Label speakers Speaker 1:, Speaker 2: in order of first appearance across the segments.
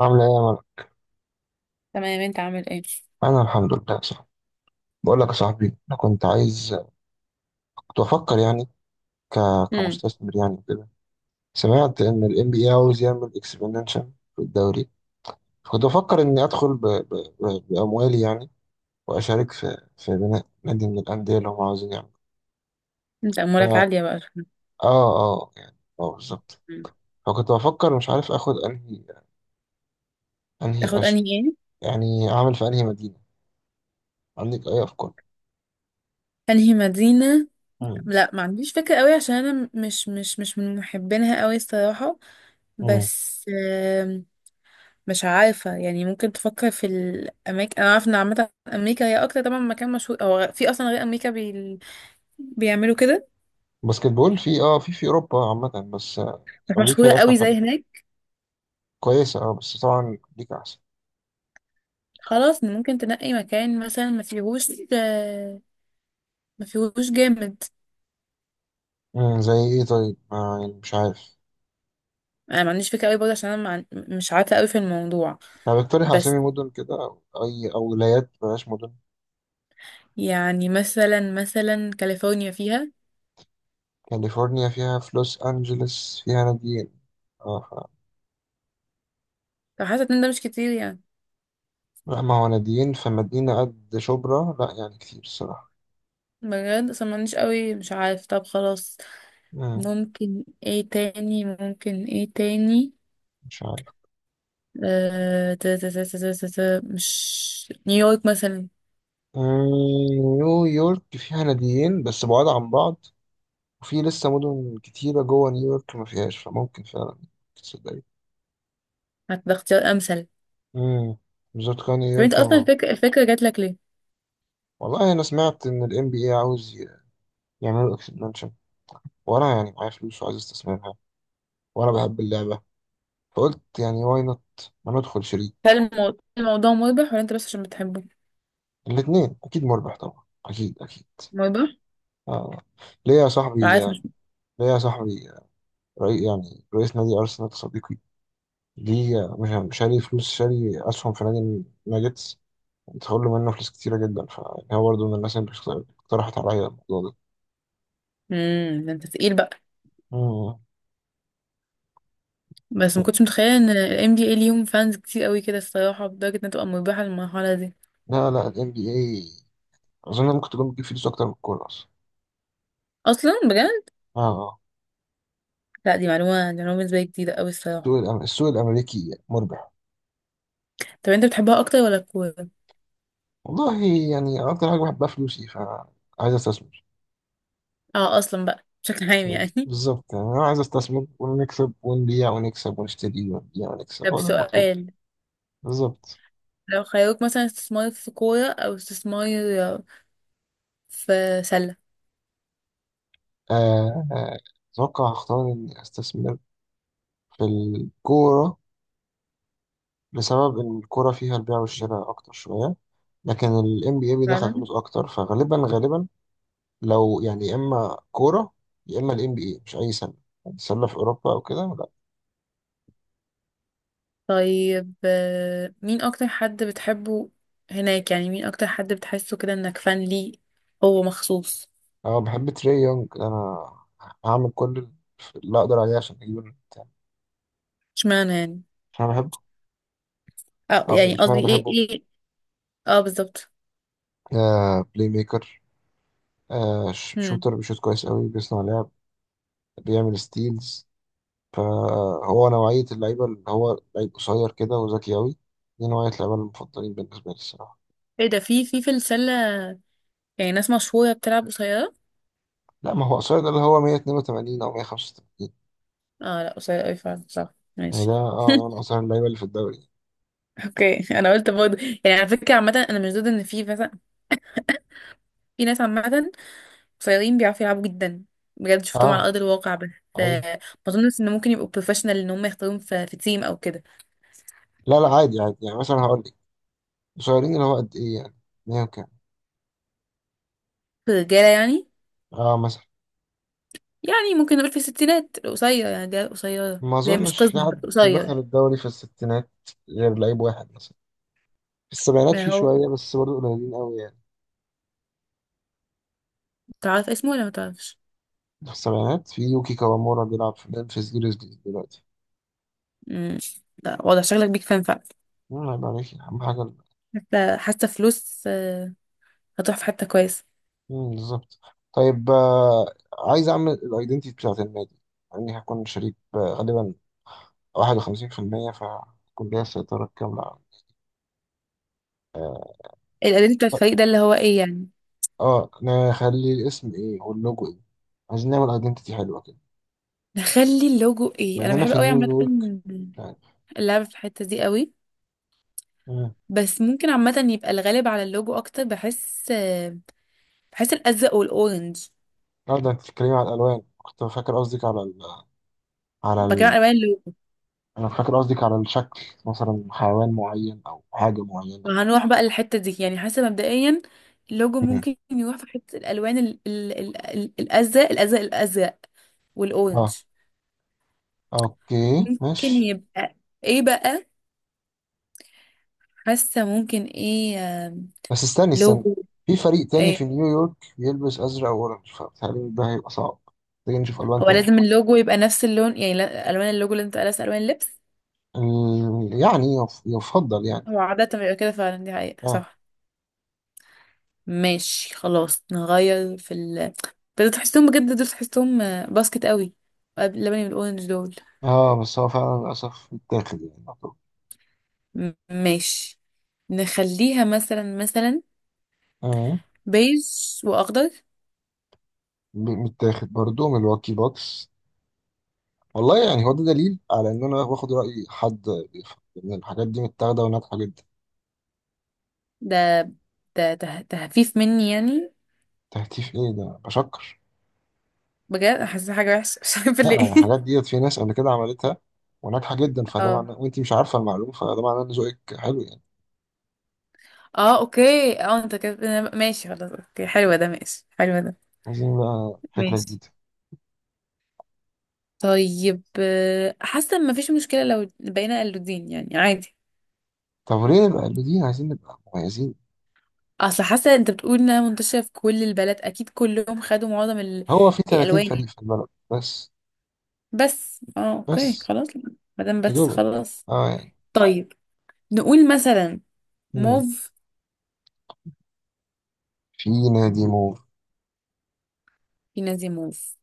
Speaker 1: عاملة إيه يا مرة؟
Speaker 2: تمام، انت عامل ايه؟
Speaker 1: أنا الحمد لله صح. بقول لك يا صاحبي أنا كنت عايز كنت بفكر يعني ك...
Speaker 2: امم
Speaker 1: كمستثمر يعني كده. سمعت إن ال NBA عاوز يعمل اكسبنشن في الدوري. كنت بفكر إني أدخل بأموالي يعني، وأشارك في بناء نادي من الأندية اللي هم عاوزين يعملوا.
Speaker 2: انت امورك
Speaker 1: آه
Speaker 2: عاليه بقى.
Speaker 1: آه يعني آه بالظبط.
Speaker 2: مم.
Speaker 1: فكنت بفكر مش عارف آخد أنهي
Speaker 2: تاخد انهي ايه؟
Speaker 1: يعني أعمل في أنهي مدينة. عندك أي أفكار؟
Speaker 2: انهي مدينه؟ لا، ما عنديش فكره قوي عشان انا مش من محبينها قوي الصراحه.
Speaker 1: مم.
Speaker 2: بس مش عارفه، يعني ممكن تفكر في الاماكن. انا عارفه ان عامه امريكا هي اكتر طبعا مكان مشهور، او في اصلا غير امريكا بيعملوا كده،
Speaker 1: باسكت بول في اوروبا عامه، بس آه،
Speaker 2: بس
Speaker 1: امريكا
Speaker 2: مشهوره
Speaker 1: هي اشهر
Speaker 2: قوي
Speaker 1: حاجه
Speaker 2: زي
Speaker 1: طبعا.
Speaker 2: هناك.
Speaker 1: كويسه اه بس طبعا امريكا احسن.
Speaker 2: خلاص، ممكن تنقي مكان مثلا ما فيهوش، آه، ما فيهوش جامد.
Speaker 1: مم، زي ايه طيب ما يعني مش عارف.
Speaker 2: انا ما عنديش فكره قوي برضه عشان انا ما عن- مش عارفه قوي في الموضوع.
Speaker 1: انا بقترح
Speaker 2: بس
Speaker 1: اسامي مدن كده، او اي او ولايات بلاش مدن.
Speaker 2: يعني مثلا كاليفورنيا فيها،
Speaker 1: كاليفورنيا فيها في لوس انجلوس فيها ناديين. اه
Speaker 2: فحاسة ان ده مش كتير يعني.
Speaker 1: لا ما هو ناديين في مدينه قد شبرا لا يعني كتير الصراحه.
Speaker 2: بجد صممنيش قوي، مش عارف. طب خلاص،
Speaker 1: مم،
Speaker 2: ممكن ايه تاني؟
Speaker 1: مش عارف.
Speaker 2: آه، تا- تا- تا- تا- تا- تا- مش نيويورك مثلا؟
Speaker 1: مم، نيويورك فيها ناديين بس بعاد عن بعض، وفي لسه مدن كتيرة جوه نيويورك ما فيهاش فممكن فعلا تصدق.
Speaker 2: هتبقى اختيار امثل.
Speaker 1: امم، بالظبط كان
Speaker 2: طب انت
Speaker 1: يركن
Speaker 2: اصلا
Speaker 1: اه.
Speaker 2: الفكرة جات لك ليه؟
Speaker 1: والله انا سمعت ان الام بي اي عاوز يعملوا اكسبانشن، وانا يعني معايا فلوس وعايز استثمرها، وانا بحب اللعبه، فقلت يعني واي نوت ما ندخل شريك.
Speaker 2: هل الموضوع مربح ولا انت بس عشان بتحبه؟
Speaker 1: الاثنين اكيد مربح طبعا اكيد اكيد.
Speaker 2: مربح؟
Speaker 1: آه. ليه يا صاحبي
Speaker 2: عارف مش.
Speaker 1: ليه يا صاحبي؟ رئي يعني رئيس نادي ارسنال صديقي، ليه مش شاري فلوس شاري اسهم في نادي الناجتس؟ تخلوا له منه فلوس كتيره جدا، فهو برضه من الناس اللي اقترحت عليا الموضوع ده.
Speaker 2: امم، ده انت تقيل بقى.
Speaker 1: مم.
Speaker 2: بس ما كنتش متخيله ان ال NBA ليهم فانز كتير قوي كده الصراحه، لدرجه انها تبقى مربحه للمرحله دي.
Speaker 1: لا لا، ال NBA اظن ممكن تكون بتجيب فلوس اكتر من الكوره اصلا.
Speaker 2: اصلا؟ بجد؟
Speaker 1: اه آه.
Speaker 2: لا، دي معلومه، دي معلومه بالنسبه لي جديده قوي الصراحه.
Speaker 1: السوق الامريكي مربح.
Speaker 2: طب انت بتحبها اكتر ولا الكوره؟
Speaker 1: والله يعني اكتر حاجه بحبها فلوسي، فعايز استثمر.
Speaker 2: اه، اصلا بقى بشكل عام يعني.
Speaker 1: بالظبط، يعني انا عايز استثمر ونكسب، ونبيع ونكسب، ونشتري ونبيع ونكسب،
Speaker 2: طب
Speaker 1: هو ده المطلوب.
Speaker 2: سؤال،
Speaker 1: بالظبط.
Speaker 2: لو خيروك مثلا استثمار في كوره او استثمار في سله.
Speaker 1: آه، آه، اتوقع هختار اني استثمر في الكوره، بسبب ان الكوره فيها البيع والشراء اكتر شويه، لكن ال NBA بيدخل
Speaker 2: فعلا.
Speaker 1: فلوس اكتر فغالبا غالبا. لو يعني يا اما كوره يا اما الام بي اي، مش اي سله، سله في اوروبا او كده لا.
Speaker 2: طيب مين اكتر حد بتحبه هناك يعني، مين اكتر حد بتحسه كده انك فان ليه هو مخصوص؟
Speaker 1: انا بحب تري يونج، انا هعمل كل اللي اقدر عليه عشان اجيب البتاع.
Speaker 2: اشمعنى يعني؟
Speaker 1: عشان انا بحبه،
Speaker 2: اه
Speaker 1: او
Speaker 2: يعني
Speaker 1: عشان انا
Speaker 2: قصدي ايه
Speaker 1: بحبه.
Speaker 2: ايه. اه بالظبط.
Speaker 1: آه، بلاي ميكر، آه،
Speaker 2: هم.
Speaker 1: شوتر بيشوت كويس قوي، بيصنع لعب، بيعمل ستيلز. فهو نوعيه اللعيبه اللي هو لعيب قصير كده وذكي قوي. دي نوعيه اللعيبه المفضلين بالنسبه لي الصراحه.
Speaker 2: ايه ده، في السله يعني ناس مشهوره بتلعب قصيره؟
Speaker 1: لا ما هو قصير ده اللي هو 182 او 185.
Speaker 2: اه، لا قصير قوي فعلا، صح،
Speaker 1: يعني ده
Speaker 2: ماشي.
Speaker 1: اه ده من قصير اللعيبه اللي في الدوري.
Speaker 2: اوكي، انا قلت برضه يعني على فكره، عامه انا مش ضد ان في مثلا، في ناس عامه قصيرين بيعرفوا يلعبوا جدا، بجد شفتهم
Speaker 1: اه،
Speaker 2: على ارض الواقع. بس
Speaker 1: اي.
Speaker 2: آه، ما اظنش ان ممكن يبقوا بروفيشنال ان هم يختاروهم في تيم او كده.
Speaker 1: لا لا، عادي عادي، يعني مثلا هقول لك قصيرين اللي هو قد ايه يعني، 100 وكام.
Speaker 2: في الرجاله يعني،
Speaker 1: اه مثلا.
Speaker 2: يعني ممكن نقول في الستينات القصير يعني الرجاله القصيره اللي
Speaker 1: ما
Speaker 2: هي مش
Speaker 1: اظنش في
Speaker 2: قزم بس
Speaker 1: حد
Speaker 2: قصير.
Speaker 1: دخل الدوري في الستينات غير لعيب واحد مثلا، في السبعينات
Speaker 2: ما
Speaker 1: في
Speaker 2: هو،
Speaker 1: شويه بس برضه قليلين قوي يعني.
Speaker 2: تعرف اسمه ولا ما تعرفش؟
Speaker 1: في السبعينات في يوكي كوامورا بيلعب في ممفيس جريزليز دلوقتي.
Speaker 2: امم. لا، واضح شكلك بيك فان فعلا.
Speaker 1: مم، عيب عليك اهم حاجه
Speaker 2: حتى فلوس، هتروح في حته كويسه.
Speaker 1: مم، بالظبط. طيب عايز اعمل الايدنتي بتاعت النادي، يعني هكون شريك غالبا 51% فهكون ليا السيطره الكامله.
Speaker 2: الاداء بتاع الفريق ده اللي هو ايه يعني؟
Speaker 1: اه نخلي الاسم ايه واللوجو ايه، عايزين نعمل ايدنتيتي حلوه كده
Speaker 2: نخلي اللوجو ايه؟
Speaker 1: بما
Speaker 2: انا
Speaker 1: اننا
Speaker 2: بحب
Speaker 1: في
Speaker 2: قوي عامه
Speaker 1: نيويورك يعني.
Speaker 2: اللعب في الحته دي قوي.
Speaker 1: مم.
Speaker 2: بس ممكن عامه يبقى الغالب على اللوجو، اكتر بحس الازرق والاورنج.
Speaker 1: اه ده انت بتتكلمي على الالوان، كنت فاكر قصدك على على
Speaker 2: بكلم عن
Speaker 1: ال...
Speaker 2: الوان اللوجو.
Speaker 1: انا فاكر قصدك على الشكل، مثلا حيوان معين او حاجه معينه.
Speaker 2: هنروح بقى للحته دي يعني، حاسه مبدئيا اللوجو
Speaker 1: مم.
Speaker 2: ممكن يروح في حته الالوان الازرق، الازرق والاورنج.
Speaker 1: اه اوكي
Speaker 2: ممكن
Speaker 1: ماشي.
Speaker 2: يبقى ايه بقى؟ حاسه ممكن ايه. آم،
Speaker 1: بس استني،
Speaker 2: لوجو
Speaker 1: في فريق تاني في
Speaker 2: ايه؟
Speaker 1: نيويورك بيلبس ازرق واورنج فبتهيألي ده هيبقى صعب. محتاجين نشوف الوان
Speaker 2: هو
Speaker 1: تانية.
Speaker 2: لازم اللوجو يبقى نفس اللون يعني؟ الوان اللوجو لازم تبقى نفس الوان اللبس؟
Speaker 1: يعني يفضل يعني.
Speaker 2: هو عادة بيبقى كده فعلا، دي حقيقة،
Speaker 1: اه.
Speaker 2: صح. ماشي خلاص، نغير في ال... بس تحسهم بجد دول، تحسهم باسكت قوي، اللبني والاورنج دول.
Speaker 1: اه بس هو فعلا للاسف متاخد يعني.
Speaker 2: ماشي، نخليها مثلا
Speaker 1: اه
Speaker 2: بيج واخضر.
Speaker 1: متاخد برضو من الواكي بوكس. والله يعني هو ده دليل على ان انا باخد رأي حد بيفهم، ان الحاجات دي متاخدة وناجحة جدا.
Speaker 2: ده تهفيف مني يعني.
Speaker 1: تهتيف ايه ده؟ بشكر.
Speaker 2: بجد حاسة حاجة وحشة مش عارفة
Speaker 1: لا يعني
Speaker 2: ليه.
Speaker 1: الحاجات ديت في ناس قبل كده عملتها وناجحة جدا، فده
Speaker 2: اه،
Speaker 1: معناه وانت مش عارفة المعلومة فده معناه ان ذوقك حلو يعني.
Speaker 2: اه اوكي، اه انت كده ماشي، خلاص اوكي، حلوة ده، ماشي، حلوة ده،
Speaker 1: عايزين بقى فكرة
Speaker 2: ماشي.
Speaker 1: جديدة.
Speaker 2: طيب حاسة ان مفيش مشكلة لو بقينا قلودين يعني، عادي.
Speaker 1: طب وليه نبقى قلبيين؟ عايزين نبقى مميزين.
Speaker 2: اصل حاسه انت بتقول انها منتشره في كل البلد، اكيد كلهم خدوا معظم
Speaker 1: هو في 30
Speaker 2: الالوان يعني.
Speaker 1: فريق في البلد بس.
Speaker 2: بس اه اوكي
Speaker 1: بس
Speaker 2: خلاص، ما دام
Speaker 1: يا
Speaker 2: بس
Speaker 1: دوبك
Speaker 2: خلاص.
Speaker 1: اه يعني.
Speaker 2: طيب نقول مثلا
Speaker 1: مم.
Speaker 2: موف.
Speaker 1: في نادي موف.
Speaker 2: في نادي موف.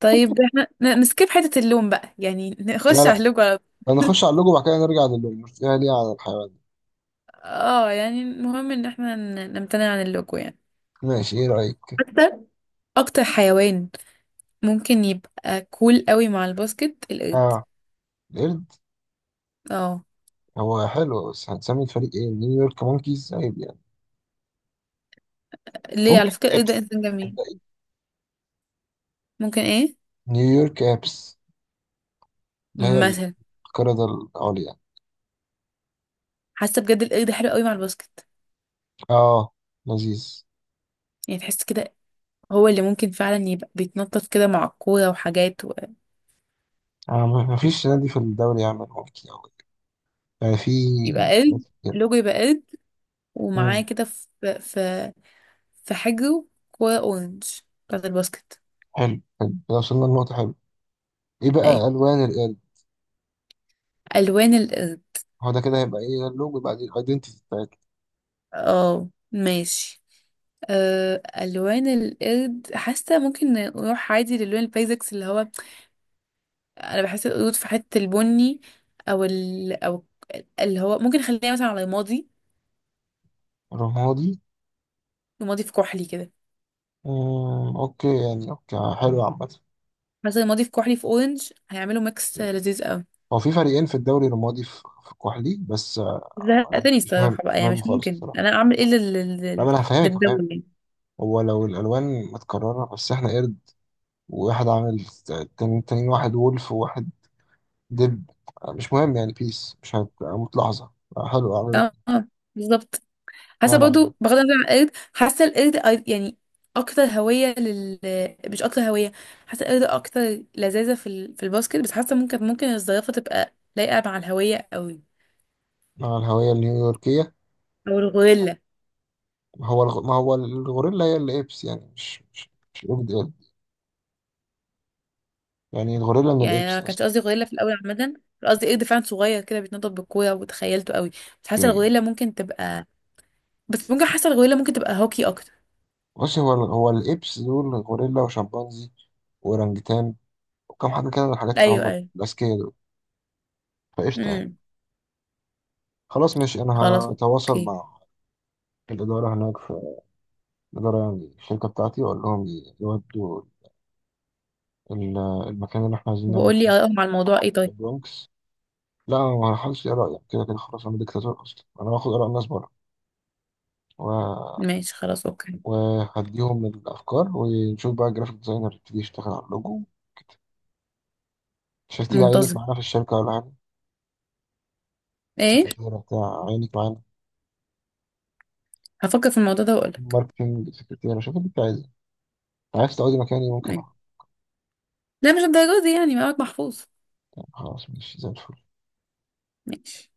Speaker 2: طيب احنا نسكيب حته اللون بقى يعني،
Speaker 1: لا
Speaker 2: نخش على
Speaker 1: لا،
Speaker 2: اللوجو على...
Speaker 1: هنخش على اللوجو وبعد كده نرجع للنرجع ليه على الحيوان.
Speaker 2: اه يعني المهم ان احنا نمتنع عن اللوجو يعني.
Speaker 1: ماشي، ايه رأيك؟
Speaker 2: حتى، اكتر حيوان ممكن يبقى كول قوي مع الباسكت القرد.
Speaker 1: اه، القرد.
Speaker 2: اه.
Speaker 1: هو حلو بس هنسمي الفريق ايه؟ نيويورك مونكيز عيب يعني.
Speaker 2: ليه،
Speaker 1: ممكن
Speaker 2: على فكره القرد ده
Speaker 1: ابس.
Speaker 2: انسان جميل.
Speaker 1: صدقني.
Speaker 2: ممكن ايه
Speaker 1: نيويورك ابس، اللي هي
Speaker 2: مثلا.
Speaker 1: القردة العليا.
Speaker 2: حاسه بجد القرد حلو قوي مع الباسكت،
Speaker 1: اه، لذيذ.
Speaker 2: يعني تحس كده هو اللي ممكن فعلا يبقى بيتنطط كده مع الكوره وحاجات و...
Speaker 1: آه ما فيش نادي في الدوري يعمل مونكي أوي، يعني في
Speaker 2: يبقى قرد.
Speaker 1: ناس كده.
Speaker 2: لوجو يبقى قرد، ومعاه
Speaker 1: مم،
Speaker 2: كده في في حجره، كوره اورنج بتاعت الباسكت.
Speaker 1: حلو حلو كده وصلنا لنقطة حلوة. ايه
Speaker 2: اي.
Speaker 1: بقى ألوان القرد؟
Speaker 2: الوان القرد.
Speaker 1: هو ده كده هيبقى ايه، ده اللوجو بقى دي الايدنتيتي بتاعتنا.
Speaker 2: اه ماشي. أه، الوان القرد حاسه ممكن نروح عادي للون البيزكس اللي هو، انا بحس القرود في حته البني، او او اللي هو ممكن خليها مثلا على رمادي.
Speaker 1: رمادي.
Speaker 2: رمادي في كحلي كده.
Speaker 1: مم، اوكي يعني اوكي حلو عامة.
Speaker 2: حسن الماضي في كحلي في اورنج، هيعملوا ميكس لذيذ قوي.
Speaker 1: هو في فريقين في الدوري الرمادي في الكحلي بس. عادي
Speaker 2: زهقتني
Speaker 1: مش مهم،
Speaker 2: الصراحه
Speaker 1: مش
Speaker 2: بقى يعني،
Speaker 1: مهم
Speaker 2: مش
Speaker 1: خالص
Speaker 2: ممكن
Speaker 1: الصراحة.
Speaker 2: انا اعمل ايه
Speaker 1: لا ما أنا هفهمك.
Speaker 2: للدول يعني.
Speaker 1: هو لو الألوان متكررة بس إحنا قرد، وواحد عامل تاني، تاني واحد وولف، وواحد دب، مش مهم يعني بيس مش هتموت لحظة. حلو، عملت.
Speaker 2: اه بالظبط. حاسه
Speaker 1: لا لا،
Speaker 2: برضو، بغض النظر عن القرد، حاسه القرد يعني اكتر هويه لل... مش اكتر هويه، حاسه القرد اكتر لذاذه في الباسكت. بس حاسه ممكن الزرافه تبقى لايقه مع الهويه قوي.
Speaker 1: مع الهوية النيويوركية.
Speaker 2: او الغوريلا.
Speaker 1: ما هو الغوريلا هي الإبس، يعني مش مش مش قرد قرد، يعني الغوريلا من
Speaker 2: يعني انا
Speaker 1: الإبس
Speaker 2: ما كانش
Speaker 1: أصلا.
Speaker 2: قصدي غوريلا في الاول، عامه كان قصدي قرد فعلا صغير كده بيتنطط بالكوره وتخيلته قوي. بس حاسه
Speaker 1: أوكي.
Speaker 2: الغوريلا ممكن تبقى... بس ممكن حاسه الغويله ممكن تبقى هوكي اكتر.
Speaker 1: بص هو الإبس دول غوريلا وشمبانزي وأورانجتان، وكم حد كده من الحاجات اللي
Speaker 2: ايوه
Speaker 1: هم
Speaker 2: ايوه.
Speaker 1: الأذكياء دول. فقشطة يعني.
Speaker 2: امم.
Speaker 1: خلاص ماشي، انا
Speaker 2: خلاص
Speaker 1: هتواصل
Speaker 2: اوكي.
Speaker 1: مع الاداره هناك، في الاداره يعني الشركه بتاعتي، واقول لهم يودوا ال- المكان اللي احنا عايزين نعمل
Speaker 2: وبقول لي
Speaker 1: فيه.
Speaker 2: ارائهم على الموضوع ايه. طيب
Speaker 1: البرونكس. لا انا ما هحاولش اراء يعني، كده كده خلاص انا ديكتاتور اصلا، انا هاخد اراء الناس بره. و...
Speaker 2: ماشي، خلاص اوكي.
Speaker 1: وهديهم الافكار، ونشوف بقى الجرافيك ديزاينر يبتدي يشتغل على اللوجو. مش هتيجي عينك
Speaker 2: منتظم.
Speaker 1: معانا في الشركه ولا حاجه؟
Speaker 2: ايه.
Speaker 1: سكرتيره بتاع عينك معانا،
Speaker 2: هفكر في الموضوع ده واقول لك.
Speaker 1: ماركتنج سكرتيره، شوف اللي انت عايزه. عايز تقعدي مكاني ممكن أقعد.
Speaker 2: لا مش الدرجه دي يعني، معاك محفوظ.
Speaker 1: يعني خلاص ماشي زي الفل.
Speaker 2: ماشي.